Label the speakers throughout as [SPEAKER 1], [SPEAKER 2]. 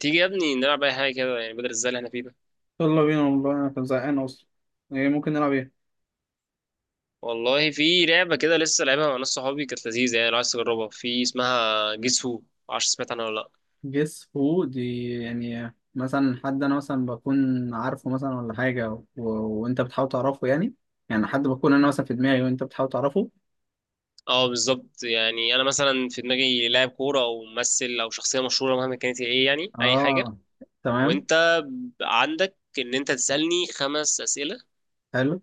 [SPEAKER 1] تيجي يا ابني نلعب اي حاجه كده، يعني بدل الزل اللي احنا فيه ده.
[SPEAKER 2] يلا بينا والله انا كنت زهقان اصلا. ايه ممكن نلعب؟ ايه
[SPEAKER 1] والله في لعبه كده لسه لعبها مع ناس صحابي، كانت لذيذه يعني، لو عايز تجربها في اسمها جيس هو. معرفش سمعت عنها ولا لا.
[SPEAKER 2] جيس هو دي؟ يعني مثلا حد انا مثلا بكون عارفه مثلا ولا حاجه وانت بتحاول تعرفه يعني. يعني حد بكون انا مثلا في دماغي وانت بتحاول تعرفه.
[SPEAKER 1] اه بالظبط، يعني انا مثلا في دماغي لاعب كوره او ممثل او شخصيه مشهوره، مهما كانت هي ايه، يعني اي حاجه.
[SPEAKER 2] اه تمام،
[SPEAKER 1] وانت عندك ان انت تسالني خمس اسئله.
[SPEAKER 2] حلو.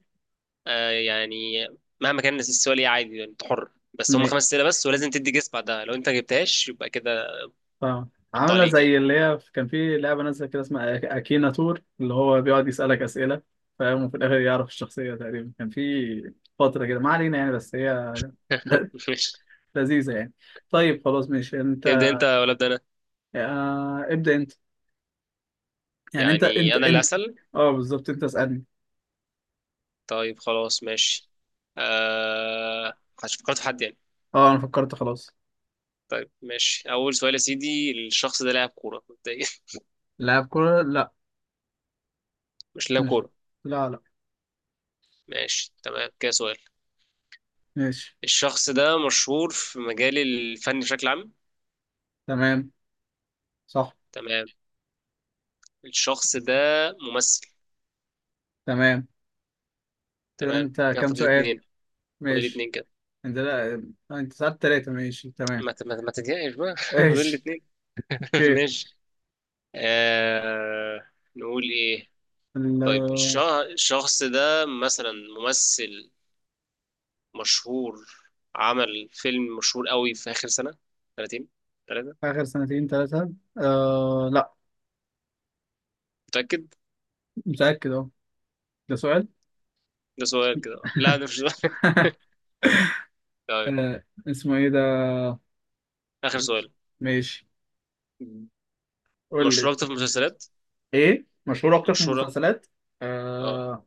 [SPEAKER 1] آه يعني مهما كان السؤال ايه عادي، يعني انت حر، بس هم
[SPEAKER 2] م...
[SPEAKER 1] خمس اسئله بس، ولازم تدي جيس بعدها، لو انت جبتهاش يبقى كده.
[SPEAKER 2] فاهم،
[SPEAKER 1] انت
[SPEAKER 2] عامله
[SPEAKER 1] عليك يعني.
[SPEAKER 2] زي اللي هي كان في لعبه نازله كده اسمها اكينا تور اللي هو بيقعد يسالك اسئله. فاهم، وفي الاخر يعرف الشخصيه. تقريبا كان في فتره كده، ما علينا يعني، بس هي ل-
[SPEAKER 1] ماشي.
[SPEAKER 2] لذيذه يعني. طيب خلاص ماشي. انت
[SPEAKER 1] تبدا انت ولا ابدا انا؟
[SPEAKER 2] ابدأ انت. يعني انت
[SPEAKER 1] يعني
[SPEAKER 2] انت
[SPEAKER 1] انا اللي
[SPEAKER 2] انت
[SPEAKER 1] هسأل.
[SPEAKER 2] اه بالظبط، انت اسألني.
[SPEAKER 1] طيب خلاص ماشي. أه... فكرت في حد يعني؟
[SPEAKER 2] اه انا فكرت خلاص.
[SPEAKER 1] طيب ماشي، اول سؤال يا سيدي، الشخص ده لاعب كورة مبدئيا؟
[SPEAKER 2] لاعب كورة؟ لا.
[SPEAKER 1] مش لاعب
[SPEAKER 2] ماشي.
[SPEAKER 1] كورة.
[SPEAKER 2] لا لا.
[SPEAKER 1] ماشي تمام، كده سؤال.
[SPEAKER 2] ماشي
[SPEAKER 1] الشخص ده مشهور في مجال الفن بشكل عام؟
[SPEAKER 2] تمام. صح.
[SPEAKER 1] تمام. الشخص ده ممثل؟
[SPEAKER 2] تمام. كده
[SPEAKER 1] تمام
[SPEAKER 2] انت
[SPEAKER 1] كده،
[SPEAKER 2] كام
[SPEAKER 1] فاضل
[SPEAKER 2] سؤال؟
[SPEAKER 1] اتنين. فاضل
[SPEAKER 2] ماشي.
[SPEAKER 1] اتنين كده.
[SPEAKER 2] انت؟ لا. آه، انت سألت تلاتة، ماشي تمام.
[SPEAKER 1] ما تضايقش بقى. فاضل
[SPEAKER 2] ماشي.
[SPEAKER 1] اتنين.
[SPEAKER 2] اوكي.
[SPEAKER 1] ماشي. نقول ايه؟
[SPEAKER 2] ال-
[SPEAKER 1] طيب
[SPEAKER 2] آه،
[SPEAKER 1] الشخص ده مثلا ممثل مشهور، عمل فيلم مشهور قوي في آخر سنة، سنتين، ثلاثة؟
[SPEAKER 2] اخر سنتين تلاتة؟ آه لا.
[SPEAKER 1] متأكد؟
[SPEAKER 2] متأكد. اه. ده سؤال؟
[SPEAKER 1] ده سؤال كده؟ لا ده مش سؤال. طيب
[SPEAKER 2] آه اسمه ايه ده؟
[SPEAKER 1] آخر سؤال.
[SPEAKER 2] ماشي، قول لي.
[SPEAKER 1] مشهورة أكتر في المسلسلات؟
[SPEAKER 2] ايه مشهور اكتر في
[SPEAKER 1] مشهورة.
[SPEAKER 2] المسلسلات؟
[SPEAKER 1] اه.
[SPEAKER 2] آه.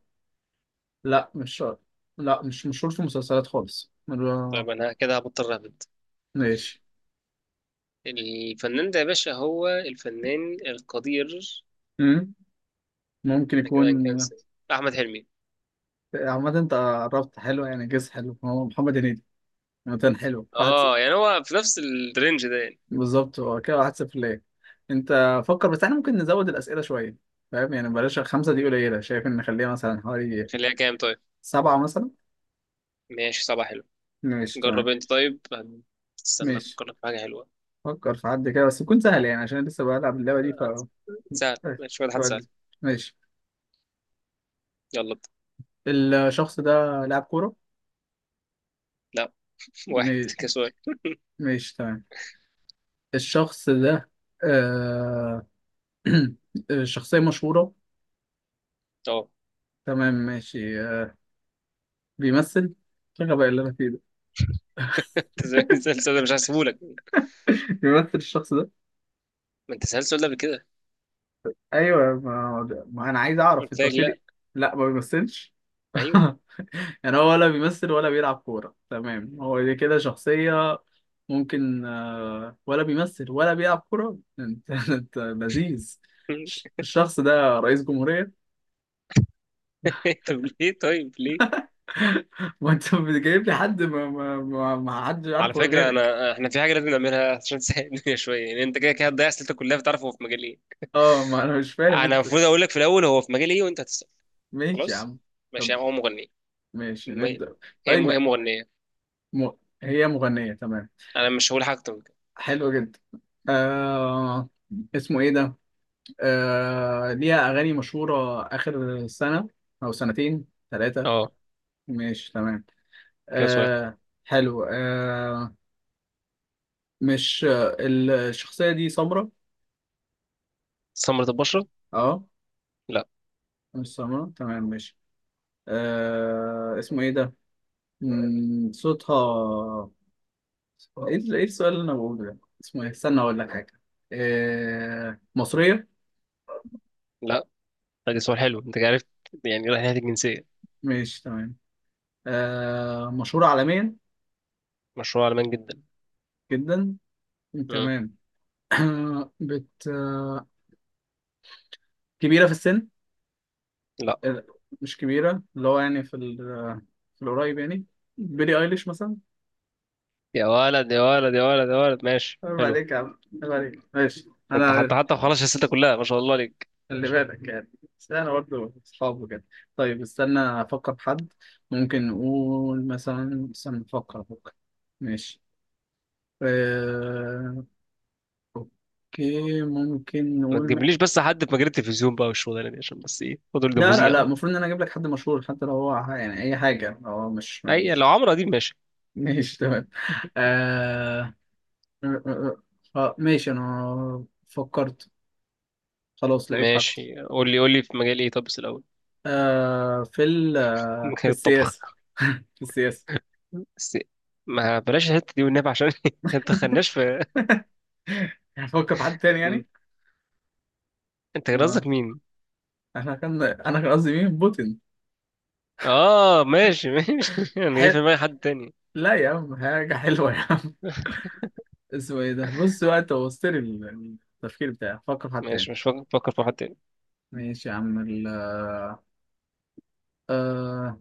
[SPEAKER 2] لا مش شرط. لا مش مشهور في مسلسلات خالص
[SPEAKER 1] طيب أنا كده هبطل رابط.
[SPEAKER 2] ماشي.
[SPEAKER 1] الفنان ده يا باشا هو الفنان القدير.
[SPEAKER 2] مم. ممكن
[SPEAKER 1] ده
[SPEAKER 2] يكون.
[SPEAKER 1] كده هنكنسل. أحمد حلمي.
[SPEAKER 2] عامة انت قربت، حلو يعني، جيس حلو. هو محمد هنيدي. عامة حلو، واحد صفر.
[SPEAKER 1] اه يعني هو في نفس الرينج ده يعني.
[SPEAKER 2] بالظبط، هو كده واحد صفر ليه. انت فكر بس. احنا ممكن نزود الأسئلة شوية، فاهم يعني. بلاش خمسة، دي قليلة. شايف ان نخليها مثلا حوالي
[SPEAKER 1] خليها كام طيب؟
[SPEAKER 2] سبعة مثلا.
[SPEAKER 1] ماشي صباح حلو.
[SPEAKER 2] ماشي
[SPEAKER 1] جرب
[SPEAKER 2] تمام.
[SPEAKER 1] انت طيب. استنى
[SPEAKER 2] ماشي.
[SPEAKER 1] افكر لك في حاجة حلوة.
[SPEAKER 2] فكر في حد كده بس يكون سهل، يعني عشان لسه بلعب اللعبة دي، ف...
[SPEAKER 1] آه، سهل ماشي، شوية حد سهل.
[SPEAKER 2] ماشي.
[SPEAKER 1] يلا ابدأ.
[SPEAKER 2] الشخص ده لاعب كورة؟
[SPEAKER 1] لا. واحد كسؤال.
[SPEAKER 2] ماشي تمام. الشخص ده آه... شخصية مشهورة؟
[SPEAKER 1] اه.
[SPEAKER 2] تمام ماشي. آه... بيمثل؟ شغل بقى اللي انا فيه ده.
[SPEAKER 1] انت زي ما سألت سؤال، ده مش هسيبهولك.
[SPEAKER 2] بيمثل الشخص ده؟
[SPEAKER 1] ما انت سألت السؤال ده قبل كده.
[SPEAKER 2] ايوه، ما انا عايز اعرف،
[SPEAKER 1] قلت
[SPEAKER 2] انت
[SPEAKER 1] لك
[SPEAKER 2] قلت
[SPEAKER 1] لا.
[SPEAKER 2] لي. لا ما بيمثلش.
[SPEAKER 1] ايوه.
[SPEAKER 2] يعني هو ولا بيمثل ولا بيلعب كورة، تمام. هو دي كده شخصية ممكن آه... ولا بيمثل ولا بيلعب كورة، انت انت لذيذ. الشخص ده رئيس جمهورية؟
[SPEAKER 1] طب ليه طيب ليه؟
[SPEAKER 2] ما انت جايب لي حد ما حدش
[SPEAKER 1] على
[SPEAKER 2] عارفه
[SPEAKER 1] فكرة
[SPEAKER 2] غيرك.
[SPEAKER 1] أنا إحنا في حاجة لازم نعملها عشان تسهل الدنيا شوية، يعني أنت كده كده هتضيع أسئلتك كلها، فتعرف هو في مجال إيه.
[SPEAKER 2] اه ما انا مش فاهم انت.
[SPEAKER 1] أنا المفروض أقول لك في الأول هو في مجال إيه وأنت هتسأل.
[SPEAKER 2] ماشي يا
[SPEAKER 1] خلاص
[SPEAKER 2] عم.
[SPEAKER 1] ماشي.
[SPEAKER 2] طب
[SPEAKER 1] هو مغنية.
[SPEAKER 2] ماشي،
[SPEAKER 1] م...
[SPEAKER 2] نبدأ. طيب
[SPEAKER 1] هي مغنية.
[SPEAKER 2] م... هي مغنية؟ تمام.
[SPEAKER 1] أنا مش هقول حاجة أكتر من كده.
[SPEAKER 2] حلو جدا. آه... اسمه ايه ده؟ آه... ليها اغاني مشهورة اخر سنة او سنتين، ثلاثة؟
[SPEAKER 1] أه
[SPEAKER 2] ماشي تمام.
[SPEAKER 1] كده سؤال.
[SPEAKER 2] آه... حلو آه... مش آه، الشخصية دي سمرة؟
[SPEAKER 1] سمرة البشرة؟
[SPEAKER 2] اه.
[SPEAKER 1] لا.
[SPEAKER 2] مش سمرة، تمام ماشي. آه... اسمه ايه ده؟ مم، صوتها. ايه إيه السؤال اللي انا بقوله ده؟ اسمه ايه؟ استنى اقول لك حاجه. آه... مصريه؟
[SPEAKER 1] لا ده سؤال حلو، أنت عرفت، يعني رايح ناحية الجنسية.
[SPEAKER 2] ماشي تمام. آه... مشهوره عالميا؟
[SPEAKER 1] مشروع على مان جدا.
[SPEAKER 2] جدا.
[SPEAKER 1] مم.
[SPEAKER 2] تمام. بت آه، كبيره في السن؟
[SPEAKER 1] لا.
[SPEAKER 2] آه، مش كبيره، اللي هو يعني في ال... في القريب يعني، بيلي ايليش مثلا.
[SPEAKER 1] يا ولد يا ولد يا ولد يا ولد ماشي
[SPEAKER 2] عيب
[SPEAKER 1] حلو.
[SPEAKER 2] عليك يا عم، عيب عليك. ماشي
[SPEAKER 1] انت حتى
[SPEAKER 2] انا.
[SPEAKER 1] حتى خلاص الستة كلها، ما شاء الله عليك،
[SPEAKER 2] خلي
[SPEAKER 1] ماشي.
[SPEAKER 2] بالك يعني، بس انا برضه اصحابه كده. طيب استنى افكر في حد. ممكن نقول مثلا، استنى افكر. ماشي. آه... اوكي، ممكن
[SPEAKER 1] ما
[SPEAKER 2] نقول م...
[SPEAKER 1] تجيبليش بس حد في مجال التلفزيون بقى والشغلانه دي، عشان بس ايه فضل ده
[SPEAKER 2] لا لا لا،
[SPEAKER 1] مذيع.
[SPEAKER 2] المفروض ان انا اجيب لك حد مشهور، حتى لو هو يعني اي حاجه. هو مش
[SPEAKER 1] اي لو
[SPEAKER 2] مش
[SPEAKER 1] عمرو اديب ماشي.
[SPEAKER 2] ماشي تمام. آه... آه... آه، آه، آه، ماشي انا فكرت، خلاص لقيت حد.
[SPEAKER 1] ماشي قول لي قول لي في مجال ايه، طب بس الاول.
[SPEAKER 2] آه... في ال... آه، في
[SPEAKER 1] مجال
[SPEAKER 2] السياسه.
[SPEAKER 1] الطبخ
[SPEAKER 2] في السياسه.
[SPEAKER 1] بس؟ ما بلاش الحته دي والنبي عشان ما تدخلناش في.
[SPEAKER 2] هفكر في حد تاني
[SPEAKER 1] م.
[SPEAKER 2] يعني.
[SPEAKER 1] انت كان
[SPEAKER 2] ما
[SPEAKER 1] قصدك مين؟
[SPEAKER 2] احنا كان انا كان قصدي مين؟ بوتين.
[SPEAKER 1] اه ماشي ماشي. انا جاي في
[SPEAKER 2] حل...
[SPEAKER 1] دماغي حد تاني.
[SPEAKER 2] لا يا عم، حاجة حلوة يا عم. اسمه ايه ده؟ بص بقى، انت وصلت لي التفكير بتاعي. فكر في حد تاني.
[SPEAKER 1] ماشي مش فاكر، فاكر في حد تاني.
[SPEAKER 2] ماشي يا عم. ال آه...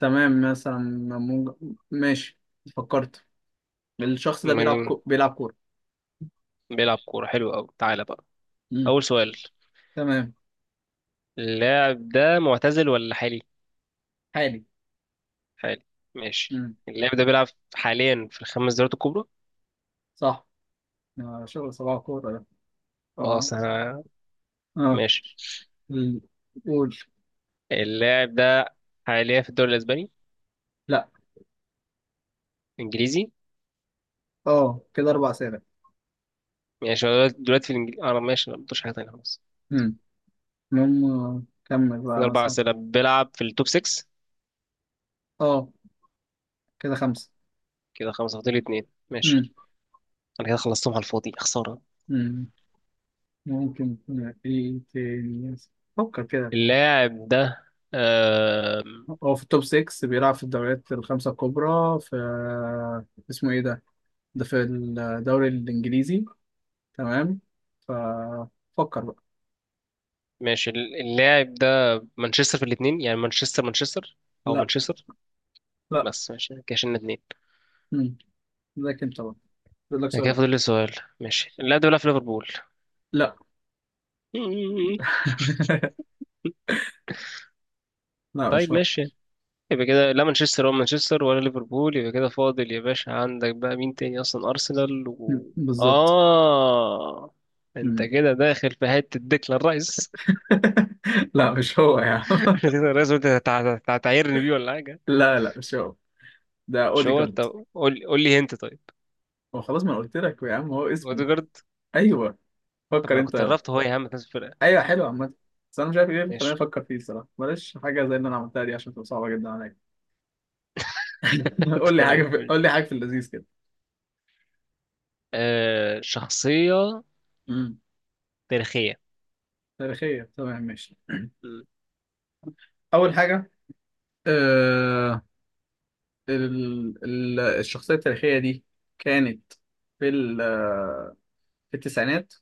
[SPEAKER 2] تمام. مثلا ممكن... ماشي، فكرت. الشخص ده
[SPEAKER 1] مجنون.
[SPEAKER 2] بيلعب كورة.
[SPEAKER 1] بيلعب كوره، حلو قوي، تعالى بقى.
[SPEAKER 2] مم.
[SPEAKER 1] اول سؤال.
[SPEAKER 2] تمام.
[SPEAKER 1] اللاعب ده معتزل ولا حالي؟
[SPEAKER 2] حالي.
[SPEAKER 1] حالي. ماشي.
[SPEAKER 2] مم.
[SPEAKER 1] اللاعب ده بيلعب حاليا في الخمس دوريات الكبرى؟
[SPEAKER 2] صح. آه شغل صباح كورة ده.
[SPEAKER 1] اه
[SPEAKER 2] اه.
[SPEAKER 1] سنة.
[SPEAKER 2] آه.
[SPEAKER 1] ماشي.
[SPEAKER 2] ال- قول.
[SPEAKER 1] اللاعب ده حاليا في الدوري الاسباني؟
[SPEAKER 2] لا.
[SPEAKER 1] انجليزي.
[SPEAKER 2] اه كده اربع اسئلة.
[SPEAKER 1] ماشي هو دلوقتي دلوقتي في الانجليزي اه لا، ماشي، لا مبطلش حاجة تانية خلاص.
[SPEAKER 2] مم. المهم آه، كمل
[SPEAKER 1] كده
[SPEAKER 2] بقى
[SPEAKER 1] أربع
[SPEAKER 2] مثلا.
[SPEAKER 1] أسئلة، بيلعب في التوب 6.
[SPEAKER 2] اه كده خمسة.
[SPEAKER 1] كده خمسة، فاضل اتنين. ماشي.
[SPEAKER 2] مم.
[SPEAKER 1] أنا كده خلصتهم على الفاضي، خسارة.
[SPEAKER 2] مم. ممكن يكون ايه تاني؟ فكر كده.
[SPEAKER 1] اللاعب ده، آم،
[SPEAKER 2] هو في التوب 6، بيلعب في الدوريات الخمسة الكبرى في... اسمه ايه ده؟ ده في الدوري الانجليزي، تمام. ففكر بقى.
[SPEAKER 1] ماشي. اللاعب ده مانشستر، في الاتنين، يعني مانشستر مانشستر، أو
[SPEAKER 2] لا.
[SPEAKER 1] مانشستر؟
[SPEAKER 2] لا.
[SPEAKER 1] بس ماشي كده شلنا اتنين.
[SPEAKER 2] مم. ذاك انت بقى، بقول لك
[SPEAKER 1] ده كده
[SPEAKER 2] سؤال.
[SPEAKER 1] فاضل لي سؤال. ماشي، اللاعب ده بيلعب في ليفربول؟
[SPEAKER 2] لا.
[SPEAKER 1] مم.
[SPEAKER 2] لا
[SPEAKER 1] طيب
[SPEAKER 2] مش هو.
[SPEAKER 1] ماشي. يبقى كده لا مانشستر ولا مانشستر ولا ليفربول، يبقى كده فاضل يا باشا، عندك بقى مين تاني اصلا، ارسنال
[SPEAKER 2] مم.
[SPEAKER 1] و
[SPEAKER 2] بالظبط.
[SPEAKER 1] اه، انت
[SPEAKER 2] مم.
[SPEAKER 1] كده داخل في حته ديكلان رايس.
[SPEAKER 2] لا مش هو يا عم.
[SPEAKER 1] ديكلان رايس، قلت هتعايرني بيه ولا حاجه؟
[SPEAKER 2] لا لا، مش هو. ده
[SPEAKER 1] مش هو؟
[SPEAKER 2] اوديجارد.
[SPEAKER 1] طب قول قول لي انت طيب.
[SPEAKER 2] هو خلاص، ما أنا قلت لك يا عم، هو اسمه...
[SPEAKER 1] اوديجارد؟
[SPEAKER 2] ايوه.
[SPEAKER 1] طب ما
[SPEAKER 2] فكر
[SPEAKER 1] انا
[SPEAKER 2] انت.
[SPEAKER 1] كنت قربت هو يا عم، فاز الفرقه.
[SPEAKER 2] ايوه حلو عامة. بس انا مش عارف ايه اللي خلاني
[SPEAKER 1] ماشي.
[SPEAKER 2] افكر فيه الصراحة. بلاش حاجة زي اللي انا عملتها دي، عشان تبقى صعبة جدا عليا.
[SPEAKER 1] طيب
[SPEAKER 2] قول
[SPEAKER 1] ماشي.
[SPEAKER 2] لي حاجة في اللذيذ كده.
[SPEAKER 1] آه شخصيه
[SPEAKER 2] امم.
[SPEAKER 1] تاريخيه.
[SPEAKER 2] تاريخية؟ تمام ماشي.
[SPEAKER 1] مم.
[SPEAKER 2] اول حاجة آه... الشخصية التاريخية دي كانت في ال... في التسعينات،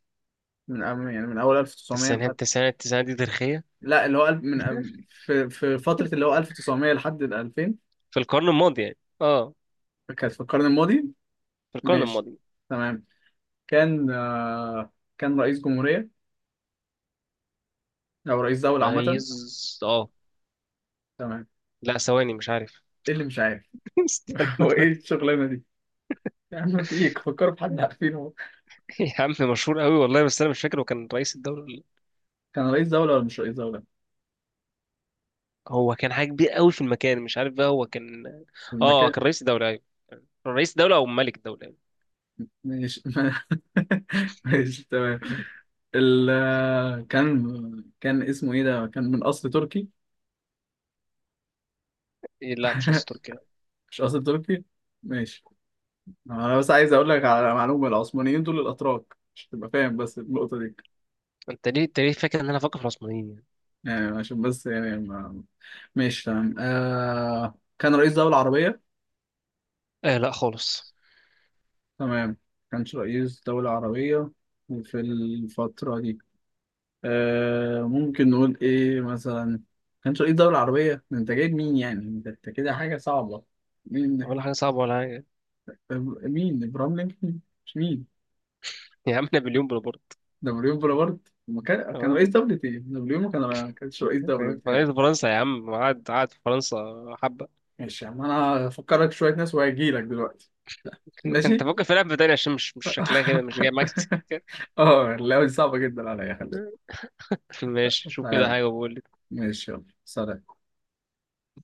[SPEAKER 2] من يعني من اول 1900
[SPEAKER 1] التسعينات
[SPEAKER 2] لحد...
[SPEAKER 1] التسعينات التسعينات دي تاريخيه؟
[SPEAKER 2] لا، اللي هو من في في فترة اللي هو 1900 لحد ال 2000.
[SPEAKER 1] في القرن الماضي يعني، اه
[SPEAKER 2] كانت في القرن الماضي.
[SPEAKER 1] في القرن
[SPEAKER 2] ماشي
[SPEAKER 1] الماضي.
[SPEAKER 2] تمام. كان آه... كان رئيس جمهورية او رئيس دولة عامة.
[SPEAKER 1] رئيس، اه
[SPEAKER 2] تمام.
[SPEAKER 1] لا ثواني مش عارف.
[SPEAKER 2] ايه اللي مش عارف؟
[SPEAKER 1] استنى
[SPEAKER 2] هو ايه
[SPEAKER 1] طيب.
[SPEAKER 2] الشغلانة دي يا عم؟ في ايه؟ فكروا في حد عارفينه. هو
[SPEAKER 1] يا عم مشهور قوي والله، بس انا مش فاكر هو كان رئيس الدولة ولا لأ.
[SPEAKER 2] كان رئيس دولة ولا مش رئيس دولة؟
[SPEAKER 1] هو كان حاجة كبير قوي في المكان، مش عارف بقى هو كان. اه
[SPEAKER 2] المكان.
[SPEAKER 1] كان رئيس الدولة ايوه. رئيس الدولة او ملك الدولة يعني.
[SPEAKER 2] ماشي. ماشي تمام. ال كان كان اسمه ايه ده؟ كان من اصل تركي؟
[SPEAKER 1] إيه لا مش رئيس تركيا لا.
[SPEAKER 2] مش اصل تركي، ماشي. انا بس عايز اقول لك على معلومة، العثمانيين دول الاتراك عشان تبقى فاهم بس النقطة دي.
[SPEAKER 1] انت ليه انت ليه فاكر ان انا فاكر في العثمانيين يعني؟
[SPEAKER 2] يعني عشان بس يعني ما... ماشي تمام. آه... كان رئيس دولة عربية؟
[SPEAKER 1] آه لا خالص.
[SPEAKER 2] تمام. كانش رئيس دولة عربية في الفترة دي. آه ممكن نقول إيه مثلا؟ كانش رئيس دولة عربية. ده أنت جايب مين يعني؟ أنت أنت كده حاجة صعبة. مين؟
[SPEAKER 1] ولا حاجة صعبة ولا حاجة.
[SPEAKER 2] مين؟ إبراهيم لينكولن؟ مش مين؟
[SPEAKER 1] يا عم نابليون بونابرت.
[SPEAKER 2] نابليون بونابرت؟ ما كان كان
[SPEAKER 1] اه
[SPEAKER 2] رئيس دولة إيه؟ نابليون ما كانش رئيس دولة بتهيألي.
[SPEAKER 1] رئيس فرنسا يا عم، قعد قعد في فرنسا حبة.
[SPEAKER 2] ماشي يا عم. أنا هفكرك شوية ناس وهجيلك دلوقتي.
[SPEAKER 1] انت
[SPEAKER 2] ماشي.
[SPEAKER 1] فاكر في لعبة تانية عشان مش مش شكلها كده مش جاي معاك.
[SPEAKER 2] اه اللعبة دي صعبة جدا عليا، خلي بالك.
[SPEAKER 1] ماشي شوف كده
[SPEAKER 2] آه،
[SPEAKER 1] حاجة وبقول لي.
[SPEAKER 2] ماشي يلا سلام.